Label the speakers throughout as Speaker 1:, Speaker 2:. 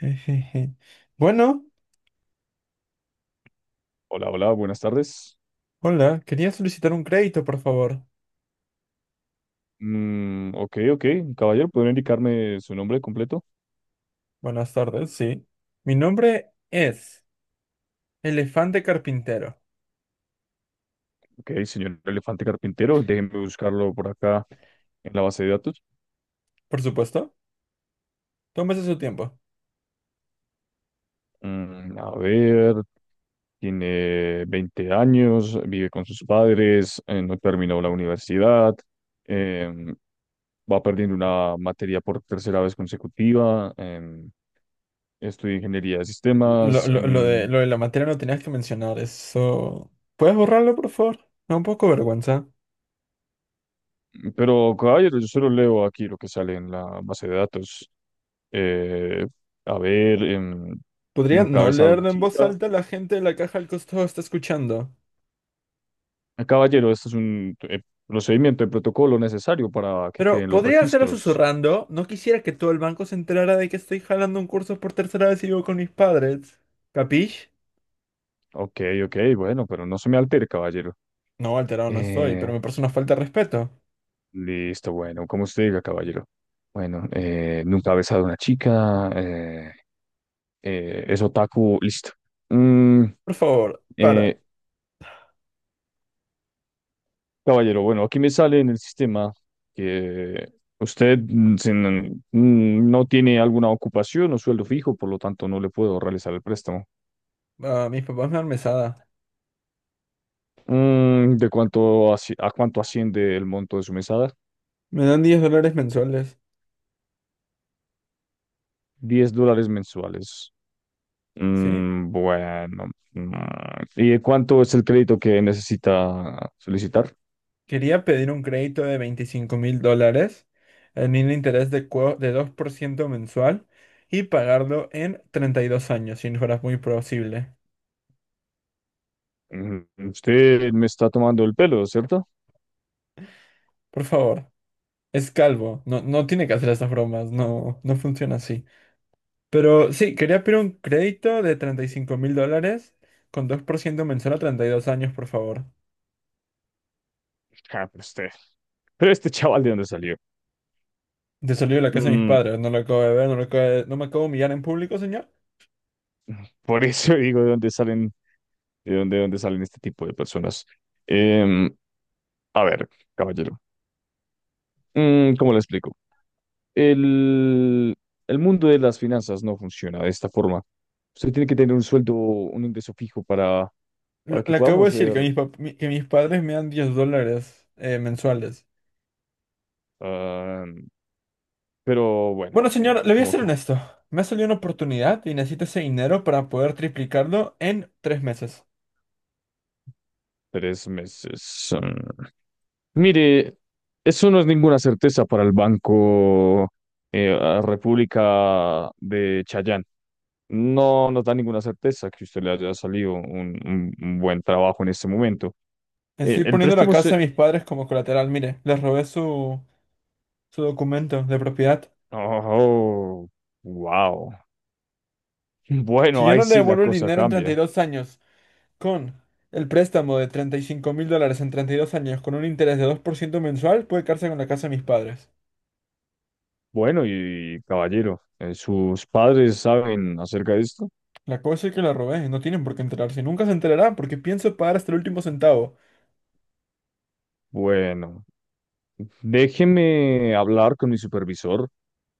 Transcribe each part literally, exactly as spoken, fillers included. Speaker 1: Ejeje. Bueno,
Speaker 2: Hola, hola, buenas tardes.
Speaker 1: hola, quería solicitar un crédito, por favor.
Speaker 2: Mm, ok, ok, caballero, ¿pueden indicarme su nombre completo?
Speaker 1: Buenas tardes, sí. Mi nombre es Elefante Carpintero.
Speaker 2: Ok, señor Elefante Carpintero, déjenme buscarlo por acá en la base de datos.
Speaker 1: Por supuesto, tómese su tiempo.
Speaker 2: Mm, a ver, tiene veinte años, vive con sus padres, eh, no terminó la universidad, em, va perdiendo una materia por tercera vez consecutiva, em, estudia ingeniería de
Speaker 1: Lo,
Speaker 2: sistemas,
Speaker 1: lo- lo de,
Speaker 2: mm,
Speaker 1: lo de la materia no tenías que mencionar, eso. ¿Puedes borrarlo, por favor? Me da un poco vergüenza.
Speaker 2: pero caballero, yo solo leo aquí lo que sale en la base de datos. Eh, a ver, em,
Speaker 1: Podría
Speaker 2: nunca ha
Speaker 1: no
Speaker 2: besado a una
Speaker 1: leerlo en voz
Speaker 2: chica.
Speaker 1: alta, la gente de la caja al costado está escuchando.
Speaker 2: Eh, Caballero, esto es un eh, procedimiento de protocolo necesario para que
Speaker 1: Pero
Speaker 2: queden los
Speaker 1: podría hacerlo
Speaker 2: registros.
Speaker 1: susurrando. No quisiera que todo el banco se enterara de que estoy jalando un curso por tercera vez y vivo con mis padres. ¿Capish?
Speaker 2: Ok, ok, bueno, pero no se me altere, caballero.
Speaker 1: No, alterado no soy, pero
Speaker 2: Eh,
Speaker 1: me parece una falta de respeto.
Speaker 2: listo, bueno, como usted diga, caballero. Bueno, eh, nunca ha besado a una chica. eh, eh, es otaku, listo. Mm,
Speaker 1: Por favor, para.
Speaker 2: eh, Caballero, bueno, aquí me sale en el sistema que usted mm, sin- mm, no tiene alguna ocupación o sueldo fijo, por lo tanto no le puedo realizar el préstamo.
Speaker 1: Ah, mis papás me dan mesada.
Speaker 2: Mm, ¿de cuánto asci- a cuánto asciende el monto de su mesada?
Speaker 1: Me dan diez dólares mensuales.
Speaker 2: Diez dólares mensuales.
Speaker 1: ¿Sí?
Speaker 2: Mm, bueno. mm, ¿y de cuánto es el crédito que necesita solicitar?
Speaker 1: Quería pedir un crédito de veinticinco mil dólares en un interés de, cua- de dos por ciento mensual y pagarlo en treinta y dos años, si no fuera muy posible.
Speaker 2: Mm, usted me está tomando el pelo, ¿cierto?
Speaker 1: Por favor, es calvo. No, no tiene que hacer esas bromas. No, no funciona así. Pero sí, quería pedir un crédito de treinta y cinco mil dólares con dos por ciento mensual a treinta y dos años, por favor.
Speaker 2: Ah, pero usted. Pero este chaval, ¿de dónde salió?
Speaker 1: De salir de la casa de mis
Speaker 2: Mm,
Speaker 1: padres, no lo acabo de ver, no lo acabo de. ¿No me acabo de humillar en público, señor?
Speaker 2: por eso digo de dónde salen de dónde, de dónde salen este tipo de personas. Em, a ver, caballero, mm, ¿cómo le explico? El, el mundo de las finanzas no funciona de esta forma. Usted tiene que tener un sueldo, un ingreso fijo para,
Speaker 1: Lo-
Speaker 2: para que
Speaker 1: Le acabo
Speaker 2: podamos
Speaker 1: de decir
Speaker 2: ser,
Speaker 1: que mis, pap- mi- que mis padres me dan diez dólares eh, mensuales.
Speaker 2: ah, pero bueno,
Speaker 1: Bueno,
Speaker 2: eh,
Speaker 1: señor, le voy a
Speaker 2: como
Speaker 1: ser
Speaker 2: co-
Speaker 1: honesto. Me ha salido una oportunidad y necesito ese dinero para poder triplicarlo en tres meses.
Speaker 2: tres meses. Ah. Mire, eso no es ninguna certeza para el Banco eh, a República de Chayán. No nos da ninguna certeza que usted le haya salido un, un- un buen trabajo en este momento. Eh,
Speaker 1: Estoy
Speaker 2: el
Speaker 1: poniendo la
Speaker 2: préstamo
Speaker 1: casa
Speaker 2: se.
Speaker 1: de mis padres como colateral. Mire, les robé su, su documento de propiedad.
Speaker 2: Oh, wow.
Speaker 1: Si
Speaker 2: Bueno,
Speaker 1: yo
Speaker 2: ahí
Speaker 1: no le
Speaker 2: sí la
Speaker 1: devuelvo el
Speaker 2: cosa
Speaker 1: dinero en treinta y
Speaker 2: cambia.
Speaker 1: dos años, con el préstamo de treinta y cinco mil dólares en treinta y dos años, con un interés de dos por ciento mensual, puede quedarse con la casa de mis padres.
Speaker 2: Bueno, y caballero, eh, ¿sus padres saben acerca de esto?
Speaker 1: La cosa es que la robé, no tienen por qué enterarse, nunca se enterarán porque pienso pagar hasta el último centavo.
Speaker 2: Bueno, déjeme hablar con mi supervisor.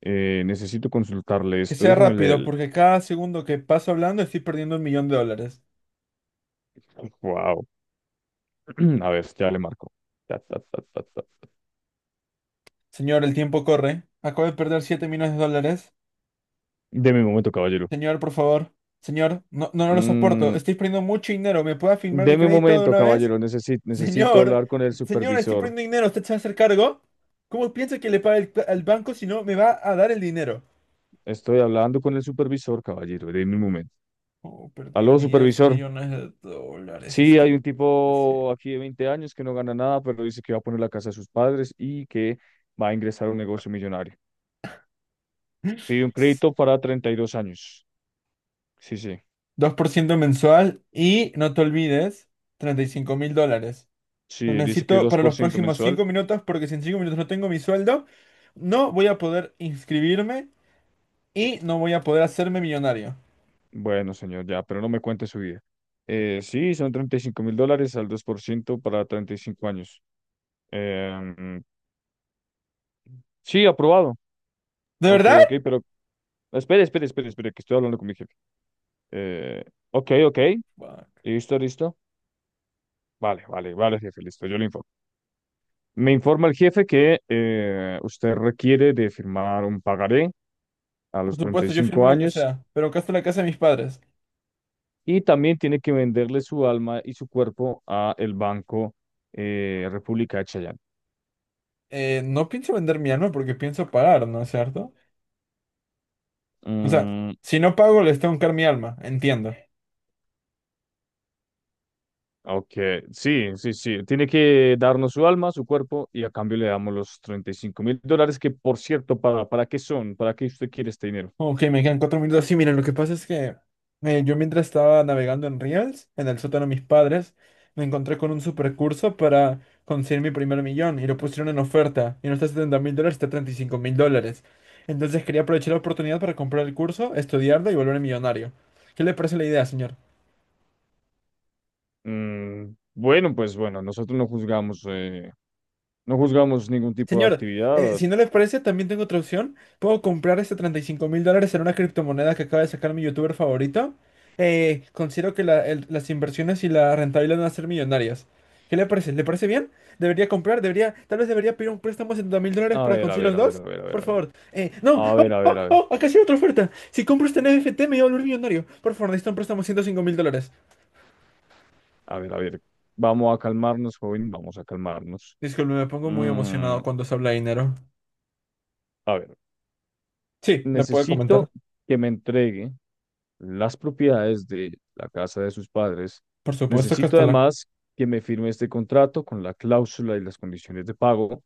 Speaker 2: Eh, necesito consultarle
Speaker 1: Que
Speaker 2: esto.
Speaker 1: sea
Speaker 2: Déjeme,
Speaker 1: rápido,
Speaker 2: le.
Speaker 1: porque cada segundo que paso hablando estoy perdiendo un millón de dólares.
Speaker 2: Wow. A ver, ya le marco. Ta, ta, ta, ta, ta, ta.
Speaker 1: Señor, el tiempo corre. Acabo de perder siete millones de dólares.
Speaker 2: Deme un momento, caballero.
Speaker 1: Señor, por favor. Señor, no, no, no lo soporto.
Speaker 2: Mm,
Speaker 1: Estoy perdiendo mucho dinero. ¿Me puede firmar el
Speaker 2: deme un
Speaker 1: crédito de
Speaker 2: momento,
Speaker 1: una vez?
Speaker 2: caballero. Necesito, necesito
Speaker 1: Señor,
Speaker 2: hablar con el
Speaker 1: señor, estoy
Speaker 2: supervisor.
Speaker 1: perdiendo dinero. ¿Usted se va a hacer cargo? ¿Cómo piensa que le pague el- al banco si no me va a dar el dinero?
Speaker 2: Estoy hablando con el supervisor, caballero. Deme un momento.
Speaker 1: Oh, perdí
Speaker 2: Aló,
Speaker 1: diez
Speaker 2: supervisor.
Speaker 1: millones de dólares.
Speaker 2: Sí, hay
Speaker 1: Este...
Speaker 2: un
Speaker 1: pues sí.
Speaker 2: tipo aquí de veinte años que no gana nada, pero dice que va a poner la casa de sus padres y que va a ingresar a un negocio millonario. Pide un crédito para treinta y dos años. Sí, sí.
Speaker 1: Dos por ciento mensual y no te olvides, treinta y cinco mil dólares. Lo
Speaker 2: Sí, dice que
Speaker 1: necesito
Speaker 2: dos
Speaker 1: para
Speaker 2: por
Speaker 1: los
Speaker 2: ciento
Speaker 1: próximos
Speaker 2: mensual.
Speaker 1: cinco minutos porque si en cinco minutos no tengo mi sueldo, no voy a poder inscribirme y no voy a poder hacerme millonario.
Speaker 2: Bueno, señor, ya, pero no me cuente su vida. Eh, sí, son treinta y cinco mil dólares al dos por ciento para treinta y cinco años. Em, sí, aprobado.
Speaker 1: ¿De
Speaker 2: Ok,
Speaker 1: verdad?
Speaker 2: ok, pero espere, espere, espere, espere, que estoy hablando con mi jefe. Eh, ok, ok,
Speaker 1: Fuck.
Speaker 2: listo, listo. Vale, vale, vale, jefe, listo, yo le informo. Me informa el jefe que eh, usted requiere de firmar un pagaré a los
Speaker 1: Por
Speaker 2: treinta y
Speaker 1: supuesto, yo firmo
Speaker 2: cinco
Speaker 1: lo que
Speaker 2: años
Speaker 1: sea, pero acá está la casa de mis padres.
Speaker 2: y también tiene que venderle su alma y su cuerpo a el Banco eh, República de Chayán.
Speaker 1: Eh, no pienso vender mi alma porque pienso pagar, ¿no es cierto? O sea, si no pago, les tengo que dar mi alma, entiendo.
Speaker 2: Ok, sí, sí, sí. Tiene que darnos su alma, su cuerpo, y a cambio le damos los treinta y cinco mil dólares, que por cierto, ¿para, para qué son? ¿Para qué usted quiere este dinero?
Speaker 1: Ok, me quedan cuatro minutos. Sí, miren, lo que pasa es que eh, yo mientras estaba navegando en Reels, en el sótano de mis padres, me encontré con un supercurso para conseguir mi primer millón y lo pusieron en oferta. Y no está a setenta mil dólares, está a treinta y cinco mil dólares. Entonces quería aprovechar la oportunidad para comprar el curso, estudiarlo y volverme millonario. ¿Qué le parece la idea, señor?
Speaker 2: Mm, bueno, pues bueno, nosotros no juzgamos, eh, no juzgamos ningún tipo de
Speaker 1: Señor, eh,
Speaker 2: actividad.
Speaker 1: si no le parece, también tengo otra opción. Puedo comprar este treinta y cinco mil dólares en una criptomoneda que acaba de sacar mi youtuber favorito. Eh, considero que la- el- las inversiones y la rentabilidad van a ser millonarias. ¿Qué le parece? ¿Le parece bien? ¿Debería comprar? ¿Debería? Tal vez debería pedir un préstamo de setenta mil dólares
Speaker 2: A
Speaker 1: para
Speaker 2: ver, a
Speaker 1: conseguir
Speaker 2: ver,
Speaker 1: los
Speaker 2: a ver, a
Speaker 1: dos.
Speaker 2: ver, a ver,
Speaker 1: Por
Speaker 2: a ver,
Speaker 1: favor. Eh, no,
Speaker 2: a
Speaker 1: oh,
Speaker 2: ver, a ver,
Speaker 1: oh,
Speaker 2: a ver,
Speaker 1: oh, acá sí hay otra oferta. Si compro este N F T me voy a volver millonario. Por favor, necesito un préstamo de ciento cinco mil dólares.
Speaker 2: a ver, a ver. Vamos a calmarnos, joven, vamos a calmarnos.
Speaker 1: Disculpe, me pongo muy
Speaker 2: Mm,
Speaker 1: emocionado cuando se habla de dinero.
Speaker 2: a ver,
Speaker 1: Sí, me puede comentar.
Speaker 2: necesito que me entregue las propiedades de la casa de sus padres.
Speaker 1: Por supuesto que
Speaker 2: Necesito
Speaker 1: hasta la.
Speaker 2: además que me firme este contrato con la cláusula y las condiciones de pago,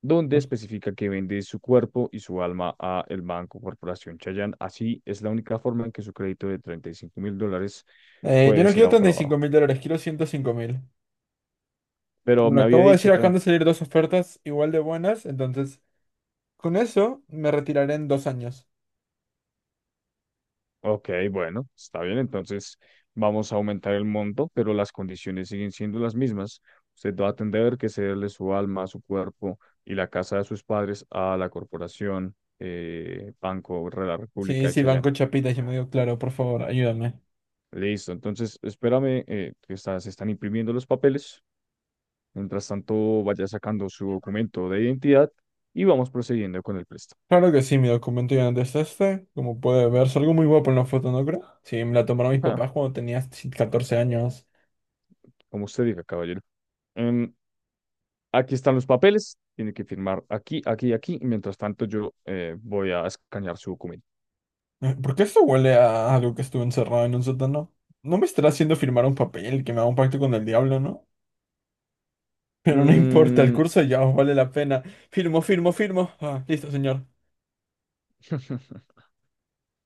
Speaker 2: donde especifica que vende su cuerpo y su alma a el Banco Corporación Chayán. Así es la única forma en que su crédito de treinta y cinco mil dólares
Speaker 1: Eh, yo
Speaker 2: puede
Speaker 1: no
Speaker 2: ser
Speaker 1: quiero
Speaker 2: aprobado.
Speaker 1: treinta y cinco mil dólares, quiero ciento cinco mil.
Speaker 2: Pero
Speaker 1: Como lo
Speaker 2: me había
Speaker 1: acabo de
Speaker 2: dicho.
Speaker 1: decir, acaban de salir dos ofertas igual de buenas, entonces con eso me retiraré en dos años.
Speaker 2: Ok, bueno, está bien. Entonces vamos a aumentar el monto, pero las condiciones siguen siendo las mismas. Usted va a tener que cederle su alma, su cuerpo y la casa de sus padres a la corporación eh, Banco de la República
Speaker 1: Sí,
Speaker 2: de
Speaker 1: sí,
Speaker 2: Chayán.
Speaker 1: Banco Chapita, yo me digo, claro, por favor, ayúdame.
Speaker 2: Listo, entonces espérame eh, que está- se están imprimiendo los papeles. Mientras tanto, vaya sacando su documento de identidad y vamos procediendo con el préstamo.
Speaker 1: Claro que sí, mi documento ya no es este, como puede verse, algo muy guapo en la foto, ¿no creo? Sí, me la tomaron mis
Speaker 2: Ja,
Speaker 1: papás cuando tenía catorce años.
Speaker 2: como usted diga, caballero. Em, Aquí están los papeles, tiene que firmar aquí, aquí, y aquí. Mientras tanto, yo eh, voy a escanear su documento.
Speaker 1: Eh, ¿Por qué esto huele a algo que estuve encerrado en un sótano? No me estará haciendo firmar un papel que me haga un pacto con el diablo, ¿no? Pero no importa, el
Speaker 2: Mm.
Speaker 1: curso ya os vale la pena. Firmo, firmo, firmo. Ah, listo, señor.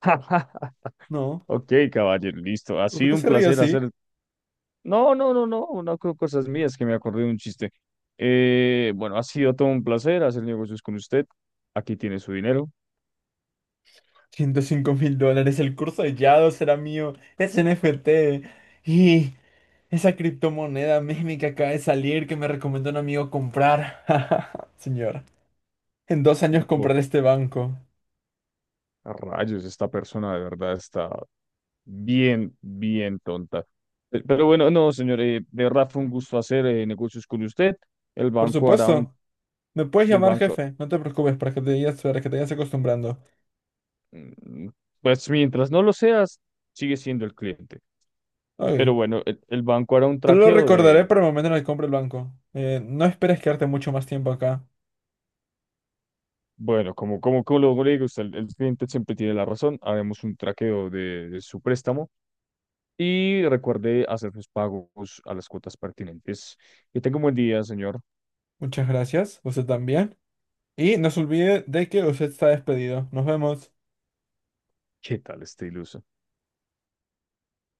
Speaker 1: No,
Speaker 2: Ok, caballero, listo. Ha
Speaker 1: ¿por qué
Speaker 2: sido un
Speaker 1: se ríe
Speaker 2: placer
Speaker 1: así?
Speaker 2: hacer. No, no, no, no, no creo cosas mías que me acordé de un chiste. Eh, bueno, ha sido todo un placer hacer negocios con usted. Aquí tiene su dinero.
Speaker 1: Ciento cinco mil dólares, el curso de Yado será mío, es N F T. Y esa criptomoneda meme que acaba de salir que me recomendó un amigo comprar. Señor, en dos años
Speaker 2: Buah,
Speaker 1: compraré este banco.
Speaker 2: a rayos, esta persona de verdad está Bien, bien tonta. Pe- Pero bueno, no, señor, eh, de verdad fue un gusto hacer eh, negocios con usted. El
Speaker 1: Por
Speaker 2: banco hará un,
Speaker 1: supuesto, me puedes
Speaker 2: el
Speaker 1: llamar
Speaker 2: banco,
Speaker 1: jefe, no te preocupes para que te digas, para que te vayas acostumbrando.
Speaker 2: mm, pues mientras no lo seas, sigue siendo el cliente.
Speaker 1: Ok.
Speaker 2: Pero bueno, el, el banco hará un
Speaker 1: Solo lo
Speaker 2: traqueo
Speaker 1: recordaré
Speaker 2: del,
Speaker 1: para el momento en el que compre el banco. Eh, no esperes quedarte mucho más tiempo acá.
Speaker 2: bueno, como, como, como lo le digo, usted, el, el cliente siempre tiene la razón, haremos un traqueo de, de su préstamo y recuerde hacer sus pagos a las cuotas pertinentes. Que tenga un buen día, señor.
Speaker 1: Muchas gracias, usted también. Y no se olvide de que usted está despedido. Nos vemos.
Speaker 2: ¿Qué tal este iluso?